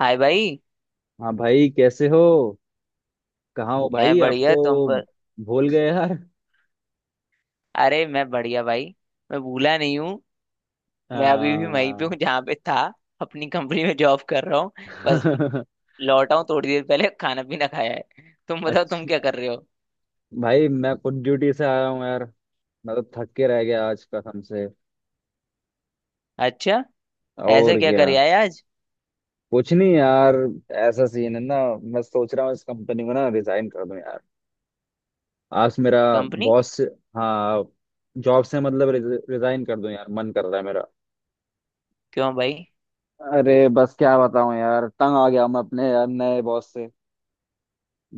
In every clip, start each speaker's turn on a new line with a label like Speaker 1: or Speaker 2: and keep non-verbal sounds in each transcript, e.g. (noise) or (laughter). Speaker 1: हाय भाई।
Speaker 2: हाँ भाई, कैसे हो। कहाँ हो
Speaker 1: मैं
Speaker 2: भाई, आप
Speaker 1: बढ़िया।
Speaker 2: तो भूल गए यार।
Speaker 1: अरे मैं बढ़िया भाई। मैं भूला नहीं हूँ। मैं अभी भी वहीं पे
Speaker 2: हाँ।
Speaker 1: हूँ जहाँ पे था। अपनी कंपनी में जॉब कर रहा हूँ। बस
Speaker 2: (laughs)
Speaker 1: लौटा हूँ थोड़ी देर पहले खाना पीना खाया है। तुम बताओ तुम
Speaker 2: अच्छा।
Speaker 1: क्या कर रहे हो?
Speaker 2: भाई मैं खुद ड्यूटी से आया हूँ यार। मैं तो थक के रह गया आज कसम से।
Speaker 1: अच्छा। ऐसा
Speaker 2: और
Speaker 1: क्या
Speaker 2: क्या।
Speaker 1: कर आए आज?
Speaker 2: कुछ नहीं यार, ऐसा सीन है ना, मैं सोच रहा हूँ इस कंपनी को ना रिजाइन कर दूं यार। आज मेरा
Speaker 1: कंपनी?
Speaker 2: बॉस। हाँ। जॉब से मतलब रिजाइन कर दूं यार, मन कर रहा है मेरा।
Speaker 1: क्यों भाई?
Speaker 2: अरे बस क्या बताऊं यार, तंग आ गया मैं अपने यार नए बॉस से।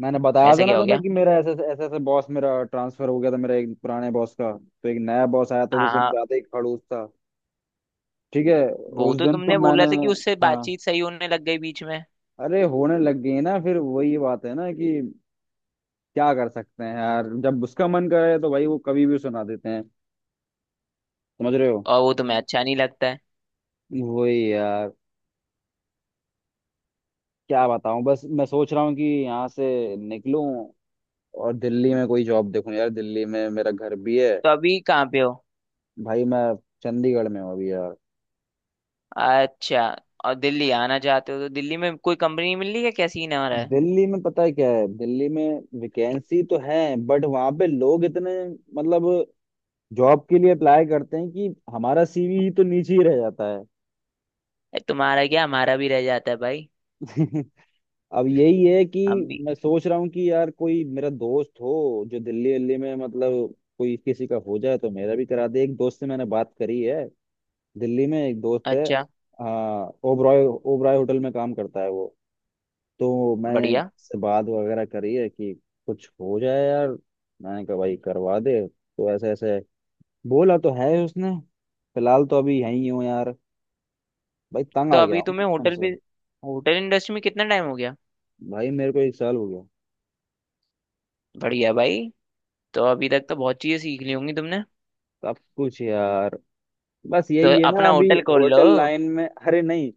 Speaker 2: मैंने बताया था
Speaker 1: ऐसा
Speaker 2: ना
Speaker 1: क्या हो
Speaker 2: तुम्हें
Speaker 1: गया?
Speaker 2: कि मेरा ऐसे ऐसे ऐसे बॉस, मेरा ट्रांसफर हो गया था मेरा एक पुराने बॉस का, तो एक नया बॉस आया तो वो
Speaker 1: हाँ
Speaker 2: कुछ
Speaker 1: हाँ।
Speaker 2: ज्यादा ही खड़ूस था। ठीक है।
Speaker 1: वो
Speaker 2: उस
Speaker 1: तो
Speaker 2: दिन तो
Speaker 1: तुमने
Speaker 2: मैंने,
Speaker 1: बोला था कि उससे
Speaker 2: हाँ,
Speaker 1: बातचीत सही होने लग गई बीच में।
Speaker 2: अरे होने लग गई ना, फिर वही बात है ना कि क्या कर सकते हैं यार, जब उसका मन करे तो भाई वो कभी भी सुना देते हैं। समझ रहे हो।
Speaker 1: और वो तुम्हें अच्छा नहीं लगता है?
Speaker 2: वही यार, क्या बताऊं, बस मैं सोच रहा हूँ कि यहाँ से निकलूं और दिल्ली में कोई जॉब देखूं यार, दिल्ली में मेरा घर भी है।
Speaker 1: तो अभी कहाँ पे हो?
Speaker 2: भाई मैं चंडीगढ़ में हूँ अभी यार।
Speaker 1: अच्छा। और दिल्ली आना चाहते हो तो दिल्ली में कोई कंपनी मिल रही है? क्या सीन आ रहा है?
Speaker 2: दिल्ली में पता है क्या है, दिल्ली में वैकेंसी तो है, बट वहां पे लोग इतने मतलब जॉब के लिए अप्लाई करते हैं कि हमारा सीवी ही तो नीचे ही रह जाता है।
Speaker 1: तुम्हारा क्या हमारा भी रह जाता है भाई।
Speaker 2: (laughs) अब यही है
Speaker 1: हम
Speaker 2: कि
Speaker 1: भी।
Speaker 2: मैं सोच रहा हूँ कि यार कोई मेरा दोस्त हो जो दिल्ली दिल्ली में मतलब कोई किसी का हो जाए तो मेरा भी करा दे। एक दोस्त से मैंने बात करी है, दिल्ली में एक दोस्त है।
Speaker 1: अच्छा।
Speaker 2: हाँ, ओबराय ओबराय होटल में काम करता है वो। तो मैंने
Speaker 1: बढ़िया।
Speaker 2: इससे बात वगैरह करी है कि कुछ हो जाए यार, मैंने कहा भाई करवा दे तो, ऐसे ऐसे। बोला तो है उसने। फिलहाल तो अभी यहीं हूँ यार। भाई तंग
Speaker 1: तो
Speaker 2: आ गया
Speaker 1: अभी
Speaker 2: हूँ
Speaker 1: तुम्हें
Speaker 2: बचपन
Speaker 1: होटल
Speaker 2: से।
Speaker 1: भी, होटल इंडस्ट्री में कितना टाइम हो गया?
Speaker 2: भाई मेरे को एक साल हो गया।
Speaker 1: बढ़िया भाई। तो अभी तक तो बहुत चीजें सीख ली होंगी तुमने।
Speaker 2: सब कुछ यार, बस
Speaker 1: तो
Speaker 2: यही है ना
Speaker 1: अपना
Speaker 2: अभी
Speaker 1: होटल खोल लो।
Speaker 2: होटल लाइन में। (laughs) अरे नहीं।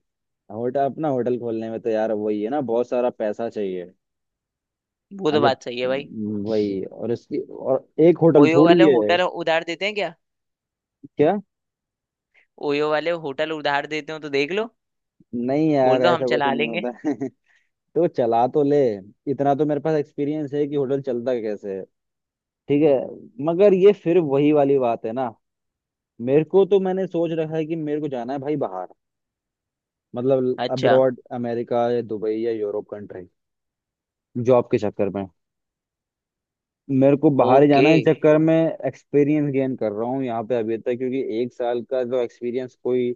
Speaker 2: होटल, अपना होटल खोलने में तो यार वही है ना, बहुत सारा पैसा चाहिए।
Speaker 1: वो
Speaker 2: अब
Speaker 1: तो
Speaker 2: जब
Speaker 1: बात सही है भाई।
Speaker 2: वही, और इसकी और एक होटल
Speaker 1: ओयो
Speaker 2: थोड़ी
Speaker 1: वाले
Speaker 2: है।
Speaker 1: होटल उधार देते हैं क्या?
Speaker 2: क्या।
Speaker 1: ओयो वाले होटल उधार देते हो तो देख लो।
Speaker 2: नहीं यार
Speaker 1: बोल दो हम
Speaker 2: ऐसा कुछ
Speaker 1: चला
Speaker 2: नहीं
Speaker 1: लेंगे।
Speaker 2: होता। (laughs) तो चला तो ले, इतना तो मेरे पास एक्सपीरियंस है कि होटल चलता कैसे है। ठीक है। मगर ये फिर वही वाली बात है ना, मेरे को तो, मैंने सोच रखा है कि मेरे को जाना है भाई बाहर, मतलब
Speaker 1: अच्छा।
Speaker 2: अब्रॉड, अमेरिका या दुबई या यूरोप कंट्री जॉब के चक्कर में। मेरे को बाहर ही जाना
Speaker 1: ओके।
Speaker 2: है इस चक्कर में। एक्सपीरियंस गेन कर रहा हूँ यहाँ पे अभी तक, क्योंकि एक साल का जो एक्सपीरियंस, कोई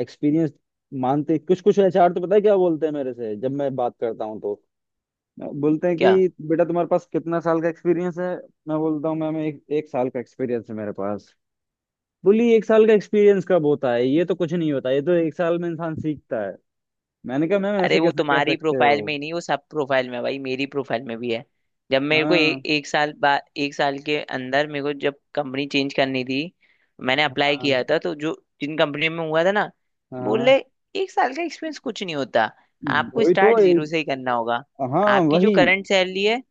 Speaker 2: एक्सपीरियंस मानते। कुछ कुछ एचआर तो पता है क्या बोलते हैं मेरे से, जब मैं बात करता हूँ तो बोलते हैं
Speaker 1: क्या?
Speaker 2: कि बेटा तुम्हारे पास कितना साल का एक्सपीरियंस है। मैं बोलता हूँ मैम एक, एक साल का एक्सपीरियंस है मेरे पास। बोली एक साल का एक्सपीरियंस कब होता है, ये तो कुछ नहीं होता, ये तो एक साल में इंसान सीखता है। मैंने कहा मैम
Speaker 1: अरे
Speaker 2: ऐसे
Speaker 1: वो
Speaker 2: कैसे कह
Speaker 1: तुम्हारी
Speaker 2: सकते
Speaker 1: प्रोफाइल
Speaker 2: हो।
Speaker 1: में ही नहीं, वो सब प्रोफाइल में है भाई, मेरी प्रोफाइल में भी है। जब मेरे को
Speaker 2: हाँ,
Speaker 1: एक साल बाद, एक साल के अंदर मेरे को जब कंपनी चेंज करनी थी, मैंने अप्लाई
Speaker 2: हाँ,
Speaker 1: किया था तो जो जिन कंपनी में हुआ था ना,
Speaker 2: हाँ,
Speaker 1: बोले एक साल का एक्सपीरियंस कुछ नहीं होता। आपको
Speaker 2: वही तो
Speaker 1: स्टार्ट जीरो
Speaker 2: एक।
Speaker 1: से ही करना होगा।
Speaker 2: हाँ,
Speaker 1: आपकी जो
Speaker 2: वही
Speaker 1: करंट सैलरी है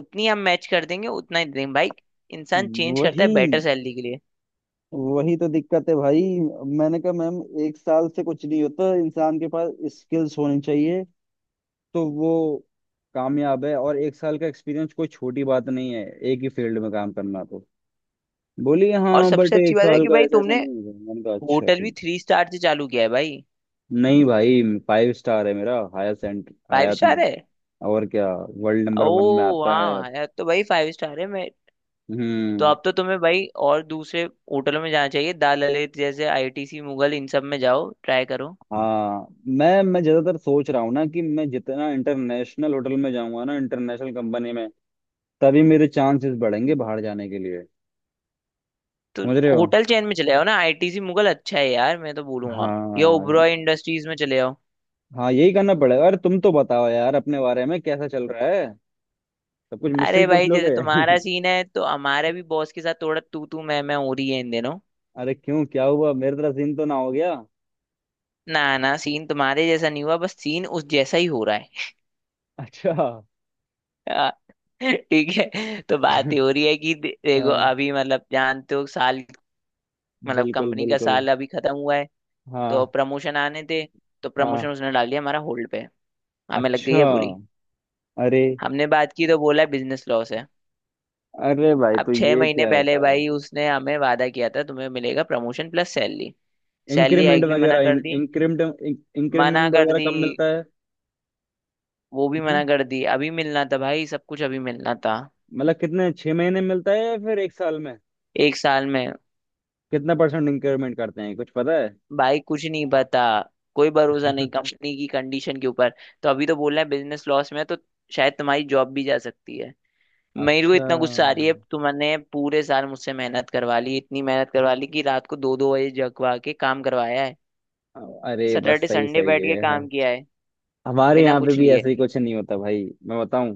Speaker 1: उतनी हम मैच कर देंगे, उतना ही देंगे भाई। इंसान चेंज करता है
Speaker 2: वही।
Speaker 1: बेटर सैलरी के लिए।
Speaker 2: वही तो दिक्कत है भाई, मैंने कहा मैम एक साल से कुछ नहीं होता, इंसान के पास स्किल्स होनी चाहिए तो वो कामयाब है, और एक साल का एक्सपीरियंस कोई छोटी बात नहीं है एक ही फील्ड में काम करना तो। बोली
Speaker 1: और
Speaker 2: हाँ बट
Speaker 1: सबसे अच्छी
Speaker 2: एक
Speaker 1: बात है
Speaker 2: साल
Speaker 1: कि
Speaker 2: का
Speaker 1: भाई
Speaker 2: ऐसा ऐसा
Speaker 1: तुमने
Speaker 2: नहीं होगा, मैंने कहा अच्छा
Speaker 1: होटल भी
Speaker 2: ठीक।
Speaker 1: थ्री स्टार से चालू किया है भाई।
Speaker 2: नहीं भाई, फाइव स्टार है मेरा, हायर एंड,
Speaker 1: फाइव
Speaker 2: हयात में।
Speaker 1: स्टार है?
Speaker 2: और क्या, वर्ल्ड
Speaker 1: ओ।
Speaker 2: नंबर वन में आता है।
Speaker 1: वाह यार, तो भाई फाइव स्टार है। मैं तो
Speaker 2: हम्म।
Speaker 1: अब तो तुम्हें भाई और दूसरे होटलों में जाना चाहिए। दाल ललित जैसे आईटीसी मुगल, इन सब में जाओ ट्राई करो।
Speaker 2: हाँ मैं ज्यादातर सोच रहा हूँ ना कि मैं जितना इंटरनेशनल होटल में जाऊंगा ना, इंटरनेशनल कंपनी में, तभी मेरे चांसेस बढ़ेंगे बाहर जाने के लिए।
Speaker 1: तो
Speaker 2: समझ रहे हो।
Speaker 1: होटल चेन में चले जाओ ना। आईटीसी मुगल अच्छा है यार, मैं तो बोलूंगा। या
Speaker 2: हाँ,
Speaker 1: ओबरॉय इंडस्ट्रीज में चले जाओ।
Speaker 2: हाँ यही करना पड़ेगा। अरे तुम तो बताओ यार अपने बारे में, कैसा चल रहा है। सब कुछ मुझसे ही
Speaker 1: अरे
Speaker 2: पूछ
Speaker 1: भाई जैसे
Speaker 2: लोगे। (laughs)
Speaker 1: तुम्हारा सीन है तो हमारे भी बॉस के साथ थोड़ा तू तू मैं हो रही है इन दिनों।
Speaker 2: अरे क्यों, क्या हुआ, मेरे तरह सीन तो ना हो गया।
Speaker 1: ना ना, सीन तुम्हारे जैसा नहीं हुआ। बस सीन उस जैसा ही हो रहा है।
Speaker 2: अच्छा। (laughs)
Speaker 1: (laughs) आ, ठीक है, तो बात ये हो रही है कि देखो
Speaker 2: हाँ।
Speaker 1: अभी, मतलब जानते हो साल, मतलब
Speaker 2: बिल्कुल
Speaker 1: कंपनी का
Speaker 2: बिल्कुल।
Speaker 1: साल अभी खत्म हुआ है। तो
Speaker 2: हाँ।
Speaker 1: प्रमोशन आने थे। तो
Speaker 2: हाँ।
Speaker 1: प्रमोशन उसने डाल दिया हमारा होल्ड पे। हमें लग गई
Speaker 2: अच्छा।
Speaker 1: है बुरी।
Speaker 2: अरे।
Speaker 1: हमने बात की तो बोला बिजनेस लॉस है।
Speaker 2: अरे भाई
Speaker 1: अब
Speaker 2: तो
Speaker 1: छह
Speaker 2: ये
Speaker 1: महीने
Speaker 2: क्या
Speaker 1: पहले
Speaker 2: होता है।
Speaker 1: भाई उसने हमें वादा किया था तुम्हें मिलेगा promotion plus salary. Salary
Speaker 2: increment
Speaker 1: hike भी मना
Speaker 2: वगैरह,
Speaker 1: कर दी।
Speaker 2: इंक्रीमेंट,
Speaker 1: मना
Speaker 2: इंक्रीमेंट
Speaker 1: कर दी।
Speaker 2: वगैरह कब मिलता है।
Speaker 1: वो भी मना
Speaker 2: हम्म।
Speaker 1: कर दी। अभी मिलना था भाई, सब कुछ अभी मिलना था।
Speaker 2: मतलब कितने, 6 महीने में मिलता है या फिर एक साल में।
Speaker 1: एक साल में।
Speaker 2: कितना परसेंट इंक्रीमेंट करते हैं, कुछ पता है।
Speaker 1: भाई कुछ नहीं पता। कोई भरोसा नहीं
Speaker 2: (laughs)
Speaker 1: कंपनी की कंडीशन के ऊपर। तो अभी तो बोल रहे हैं बिजनेस लॉस में है, तो शायद तुम्हारी जॉब भी जा सकती है। मेरे को
Speaker 2: अच्छा।
Speaker 1: इतना गुस्सा आ रही है, तुमने पूरे साल मुझसे मेहनत करवा ली, इतनी मेहनत करवा ली कि रात को दो दो बजे जगवा के काम करवाया है।
Speaker 2: अरे बस,
Speaker 1: सैटरडे
Speaker 2: सही
Speaker 1: संडे
Speaker 2: सही
Speaker 1: बैठ के
Speaker 2: है।
Speaker 1: काम किया है।
Speaker 2: हमारे
Speaker 1: बिना
Speaker 2: यहाँ पे
Speaker 1: कुछ
Speaker 2: भी
Speaker 1: लिए।
Speaker 2: ऐसे ही कुछ नहीं होता भाई, मैं बताऊं।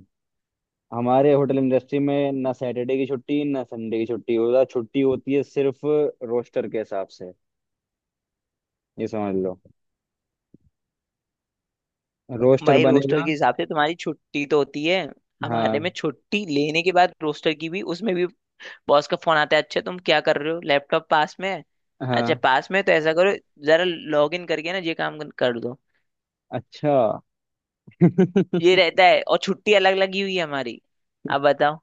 Speaker 2: हमारे होटल इंडस्ट्री में ना सैटरडे की छुट्टी, ना संडे की छुट्टी होता, छुट्टी होती है सिर्फ रोस्टर के हिसाब से, ये समझ लो। रोस्टर
Speaker 1: भाई रोस्टर
Speaker 2: बनेगा।
Speaker 1: के हिसाब से तुम्हारी छुट्टी तो होती है।
Speaker 2: हाँ।
Speaker 1: हमारे में छुट्टी लेने के बाद रोस्टर की भी, उसमें भी बॉस का फोन आता है। अच्छा तुम क्या कर रहे हो, लैपटॉप पास में है? अच्छा
Speaker 2: हाँ।
Speaker 1: पास में है, तो ऐसा करो जरा लॉग इन करके ना ये काम कर दो।
Speaker 2: अच्छा। (laughs)
Speaker 1: ये रहता है, और छुट्टी अलग लगी हुई है हमारी। अब बताओ।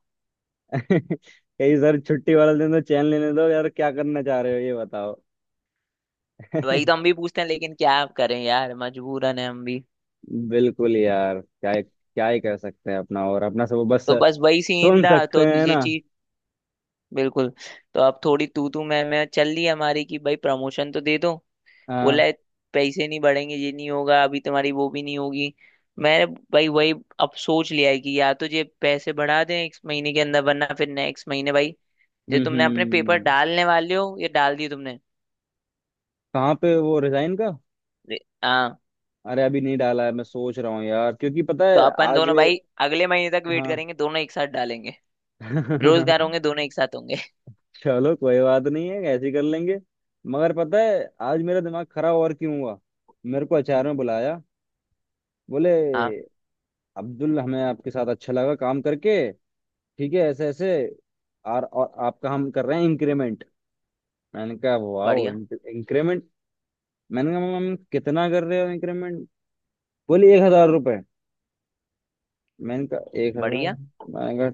Speaker 2: कहीं सर छुट्टी वाला दिन तो चैन लेने दो यार, क्या करना चाह रहे हो ये बताओ।
Speaker 1: वही तो हम
Speaker 2: (laughs)
Speaker 1: भी पूछते हैं लेकिन क्या आप करें यार, मजबूरन है हम भी।
Speaker 2: बिल्कुल यार, क्या ही कर सकते हैं, अपना और अपना सब बस
Speaker 1: तो बस वही सीन
Speaker 2: सुन
Speaker 1: था,
Speaker 2: सकते
Speaker 1: तो
Speaker 2: हैं
Speaker 1: ये
Speaker 2: ना।
Speaker 1: चीज। बिल्कुल। तो अब थोड़ी तू तू मैं चल रही है हमारी कि भाई प्रमोशन तो दे दो। बोला
Speaker 2: हाँ।
Speaker 1: है, पैसे नहीं बढ़ेंगे, ये नहीं होगा, अभी तुम्हारी वो भी नहीं होगी। मैंने भाई वही अब सोच लिया है कि या तो ये पैसे बढ़ा दें इस महीने के अंदर, वरना फिर नेक्स्ट महीने भाई जो
Speaker 2: हम्म,
Speaker 1: तुमने अपने पेपर
Speaker 2: हम्म।
Speaker 1: डालने वाले हो ये डाल दिए तुमने?
Speaker 2: कहाँ पे वो, रिजाइन का।
Speaker 1: हाँ।
Speaker 2: अरे अभी नहीं डाला है, मैं सोच रहा हूँ यार, क्योंकि पता
Speaker 1: तो
Speaker 2: है
Speaker 1: अपन
Speaker 2: आज।
Speaker 1: दोनों भाई अगले महीने तक वेट
Speaker 2: हाँ।
Speaker 1: करेंगे, दोनों एक साथ डालेंगे। बेरोजगार होंगे,
Speaker 2: (laughs)
Speaker 1: दोनों एक साथ होंगे।
Speaker 2: चलो कोई बात नहीं है, ऐसे ही कर लेंगे। मगर पता है आज मेरा दिमाग खराब और क्यों हुआ। मेरे को अचार में बुलाया, बोले
Speaker 1: हाँ।
Speaker 2: अब्दुल, हमें आपके साथ अच्छा लगा काम करके, ठीक है, ऐसे ऐसे, और आपका हम कर रहे हैं इंक्रीमेंट। मैंने कहा वाओ,
Speaker 1: बढ़िया।
Speaker 2: इंक्रीमेंट। मैंने कहा मैम कितना कर रहे हो इंक्रीमेंट। बोले 1,000 रुपये। मैंने कहा 1,000।
Speaker 1: बढ़िया।
Speaker 2: मैंने कहा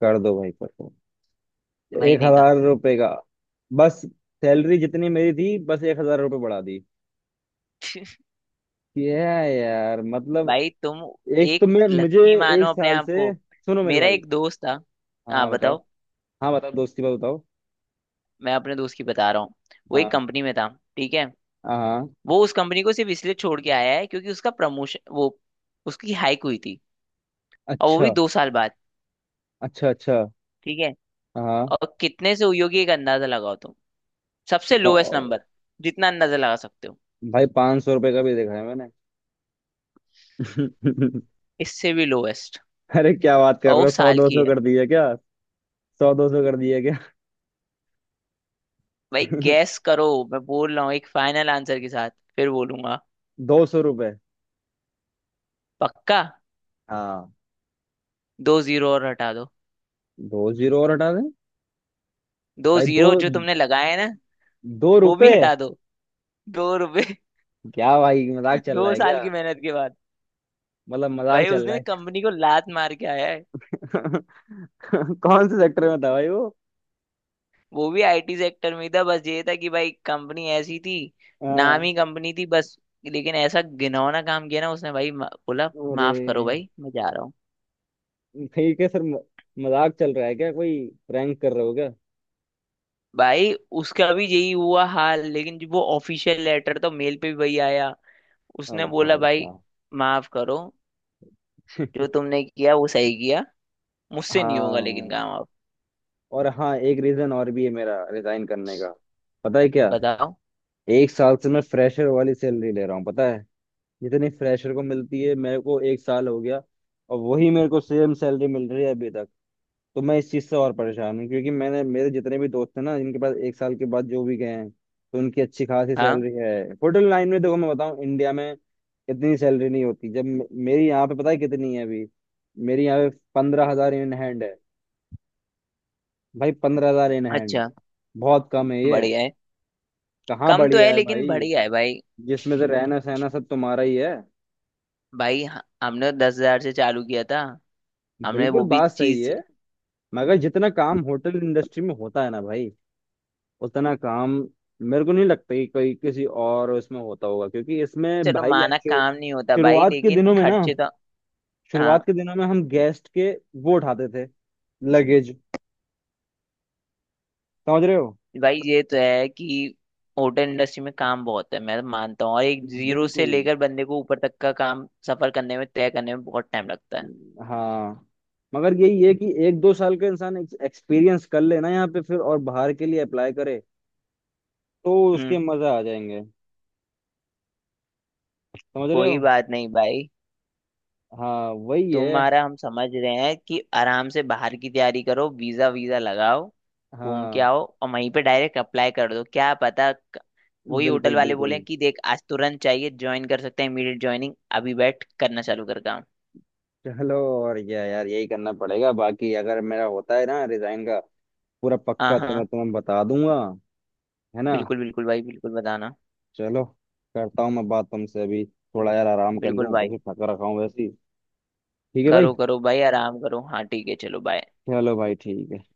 Speaker 2: कर दो भाई, कर दो।
Speaker 1: भाई
Speaker 2: एक
Speaker 1: ने कहा,
Speaker 2: हजार रुपये का बस, सैलरी जितनी मेरी थी बस 1,000 रुपये बढ़ा दी। क्या यार, मतलब।
Speaker 1: भाई तुम
Speaker 2: एक तो
Speaker 1: एक
Speaker 2: मैं, मुझे
Speaker 1: लकी
Speaker 2: एक
Speaker 1: मानो अपने
Speaker 2: साल
Speaker 1: आप को।
Speaker 2: से सुनो मेरे
Speaker 1: मेरा
Speaker 2: भाई।
Speaker 1: एक दोस्त था।
Speaker 2: हाँ,
Speaker 1: हाँ
Speaker 2: हाँ, बताओ।
Speaker 1: बताओ।
Speaker 2: हाँ बताओ, दोस्ती बात बताओ।
Speaker 1: मैं अपने दोस्त की बता रहा हूँ। वो एक
Speaker 2: हाँ,
Speaker 1: कंपनी में था। ठीक है।
Speaker 2: हाँ, हाँ।
Speaker 1: वो उस कंपनी को सिर्फ इसलिए छोड़ के आया है क्योंकि उसका प्रमोशन, वो उसकी हाइक हुई थी। और वो भी
Speaker 2: अच्छा,
Speaker 1: 2 साल बाद।
Speaker 2: अच्छा, अच्छा।
Speaker 1: ठीक है।
Speaker 2: हाँ।
Speaker 1: और कितने से हुई होगी, एक अंदाजा लगाओ तुम। सबसे लोएस्ट
Speaker 2: ओ,
Speaker 1: नंबर जितना अंदाजा लगा सकते हो।
Speaker 2: भाई 500 रुपये का भी देखा है मैंने। (laughs)
Speaker 1: इससे भी लोएस्ट।
Speaker 2: अरे क्या बात कर
Speaker 1: और
Speaker 2: रहे
Speaker 1: वो
Speaker 2: हो, सौ,
Speaker 1: साल
Speaker 2: दो
Speaker 1: की
Speaker 2: सौ
Speaker 1: है।
Speaker 2: कर दिए क्या। सौ, दो सौ कर दिए क्या।
Speaker 1: भाई
Speaker 2: (laughs)
Speaker 1: गैस करो। मैं बोल रहा हूँ एक फाइनल आंसर के साथ फिर बोलूंगा।
Speaker 2: 200 रुपये।
Speaker 1: पक्का।
Speaker 2: हाँ।
Speaker 1: दो जीरो और हटा दो।
Speaker 2: दो जीरो और हटा दें।
Speaker 1: दो
Speaker 2: भाई दो,
Speaker 1: जीरो जो तुमने लगाए हैं ना,
Speaker 2: दो
Speaker 1: वो भी
Speaker 2: रुपए।
Speaker 1: हटा दो। 2 रुपए।
Speaker 2: क्या भाई, मजाक
Speaker 1: (laughs)
Speaker 2: चल रहा
Speaker 1: दो
Speaker 2: है क्या।
Speaker 1: साल की मेहनत के बाद
Speaker 2: मतलब मजाक
Speaker 1: भाई
Speaker 2: चल रहा
Speaker 1: उसने
Speaker 2: है।
Speaker 1: कंपनी को लात मार के आया है।
Speaker 2: (laughs) कौन से सेक्टर में था भाई वो।
Speaker 1: वो भी आईटी सेक्टर में ही था, बस ये था कि भाई कंपनी ऐसी थी। नाम
Speaker 2: हाँ।
Speaker 1: ही कंपनी थी बस। लेकिन ऐसा घिनौना काम किया ना उसने भाई बोला
Speaker 2: अरे।
Speaker 1: माफ करो भाई मैं जा रहा हूँ।
Speaker 2: ठीक है सर, मजाक चल रहा है क्या, कोई प्रैंक कर रहे हो क्या।
Speaker 1: भाई उसका भी यही हुआ हाल, लेकिन जो वो ऑफिशियल लेटर तो मेल पे भी वही आया। उसने
Speaker 2: अब
Speaker 1: बोला
Speaker 2: भाई
Speaker 1: भाई
Speaker 2: साहब।
Speaker 1: माफ करो, जो तुमने किया वो सही किया।
Speaker 2: (laughs)
Speaker 1: मुझसे नहीं होगा लेकिन
Speaker 2: हाँ।
Speaker 1: काम। अब
Speaker 2: और हाँ, एक रीजन और भी है मेरा रिजाइन करने का, पता है क्या।
Speaker 1: बताओ।
Speaker 2: एक साल से मैं फ्रेशर वाली सैलरी ले रहा हूँ पता है, जितनी फ्रेशर को मिलती है, मेरे को एक साल हो गया और वही मेरे को सेम सैलरी मिल रही है अभी तक। तो मैं इस चीज़ से और परेशान हूँ क्योंकि मैंने, मेरे जितने भी दोस्त हैं ना जिनके पास, एक साल के बाद जो भी गए हैं तो उनकी अच्छी खासी
Speaker 1: हाँ।
Speaker 2: सैलरी है। होटल लाइन में देखो, मैं बताऊँ, इंडिया में इतनी सैलरी नहीं होती। जब मेरी यहाँ पे पता है कितनी है अभी, मेरी यहाँ पे 15,000 इन हैंड है भाई। 15,000 इन हैंड।
Speaker 1: अच्छा।
Speaker 2: बहुत कम है ये।
Speaker 1: बढ़िया है।
Speaker 2: कहाँ
Speaker 1: कम तो
Speaker 2: बढ़िया
Speaker 1: है
Speaker 2: है
Speaker 1: लेकिन
Speaker 2: भाई,
Speaker 1: बढ़िया है भाई।
Speaker 2: जिसमें से रहना सहना सब तुम्हारा ही है।
Speaker 1: भाई हमने तो 10 हजार से चालू किया था। हमने
Speaker 2: बिल्कुल
Speaker 1: वो भी
Speaker 2: बात सही
Speaker 1: चीज।
Speaker 2: है, मगर जितना काम होटल इंडस्ट्री में होता है ना भाई, उतना काम मेरे को नहीं लगता कि कोई किसी और इसमें होता होगा, क्योंकि इसमें
Speaker 1: चलो
Speaker 2: भाई
Speaker 1: माना
Speaker 2: ऐसे,
Speaker 1: काम नहीं होता भाई
Speaker 2: शुरुआत के
Speaker 1: लेकिन
Speaker 2: दिनों में ना,
Speaker 1: खर्चे तो। हाँ
Speaker 2: शुरुआत के दिनों में हम गेस्ट के वो उठाते थे, लगेज। समझ रहे हो।
Speaker 1: भाई, ये तो है कि होटल इंडस्ट्री में काम बहुत है, मैं तो मानता हूँ, और एक जीरो से
Speaker 2: बिल्कुल।
Speaker 1: लेकर बंदे को ऊपर तक का काम सफर करने में, तय करने में बहुत टाइम लगता है।
Speaker 2: हाँ। मगर यही है कि एक दो साल का इंसान एक्सपीरियंस कर ले ना यहाँ पे, फिर और बाहर के लिए अप्लाई करे तो उसके
Speaker 1: हम्म।
Speaker 2: मजा आ जाएंगे। समझ रहे
Speaker 1: कोई
Speaker 2: हो।
Speaker 1: बात नहीं भाई।
Speaker 2: हाँ वही है।
Speaker 1: तुम्हारा हम समझ रहे हैं कि आराम से बाहर की तैयारी करो, वीजा वीजा लगाओ, घूम के
Speaker 2: हाँ
Speaker 1: आओ और वहीं पे डायरेक्ट अप्लाई कर दो, क्या पता वही
Speaker 2: बिल्कुल
Speaker 1: होटल वाले बोले
Speaker 2: बिल्कुल।
Speaker 1: कि देख आज तुरंत चाहिए, ज्वाइन कर सकते हैं, इमीडिएट ज्वाइनिंग, अभी बैठ करना चालू कर काम।
Speaker 2: चलो। और क्या यार, यही करना पड़ेगा। बाकी अगर मेरा होता है ना रिजाइन का, पूरा
Speaker 1: हाँ
Speaker 2: पक्का तो मैं
Speaker 1: हाँ।
Speaker 2: तुम्हें बता दूंगा। है ना।
Speaker 1: बिल्कुल बिल्कुल भाई, बिल्कुल बताना।
Speaker 2: चलो। करता हूँ मैं बात तुमसे अभी, थोड़ा यार आराम कर
Speaker 1: बिल्कुल
Speaker 2: लूँ
Speaker 1: भाई।
Speaker 2: क्योंकि थका रखा हूँ वैसे ही। ठीक है भाई।
Speaker 1: करो करो भाई आराम करो। हाँ ठीक है चलो बाय।
Speaker 2: चलो भाई ठीक है।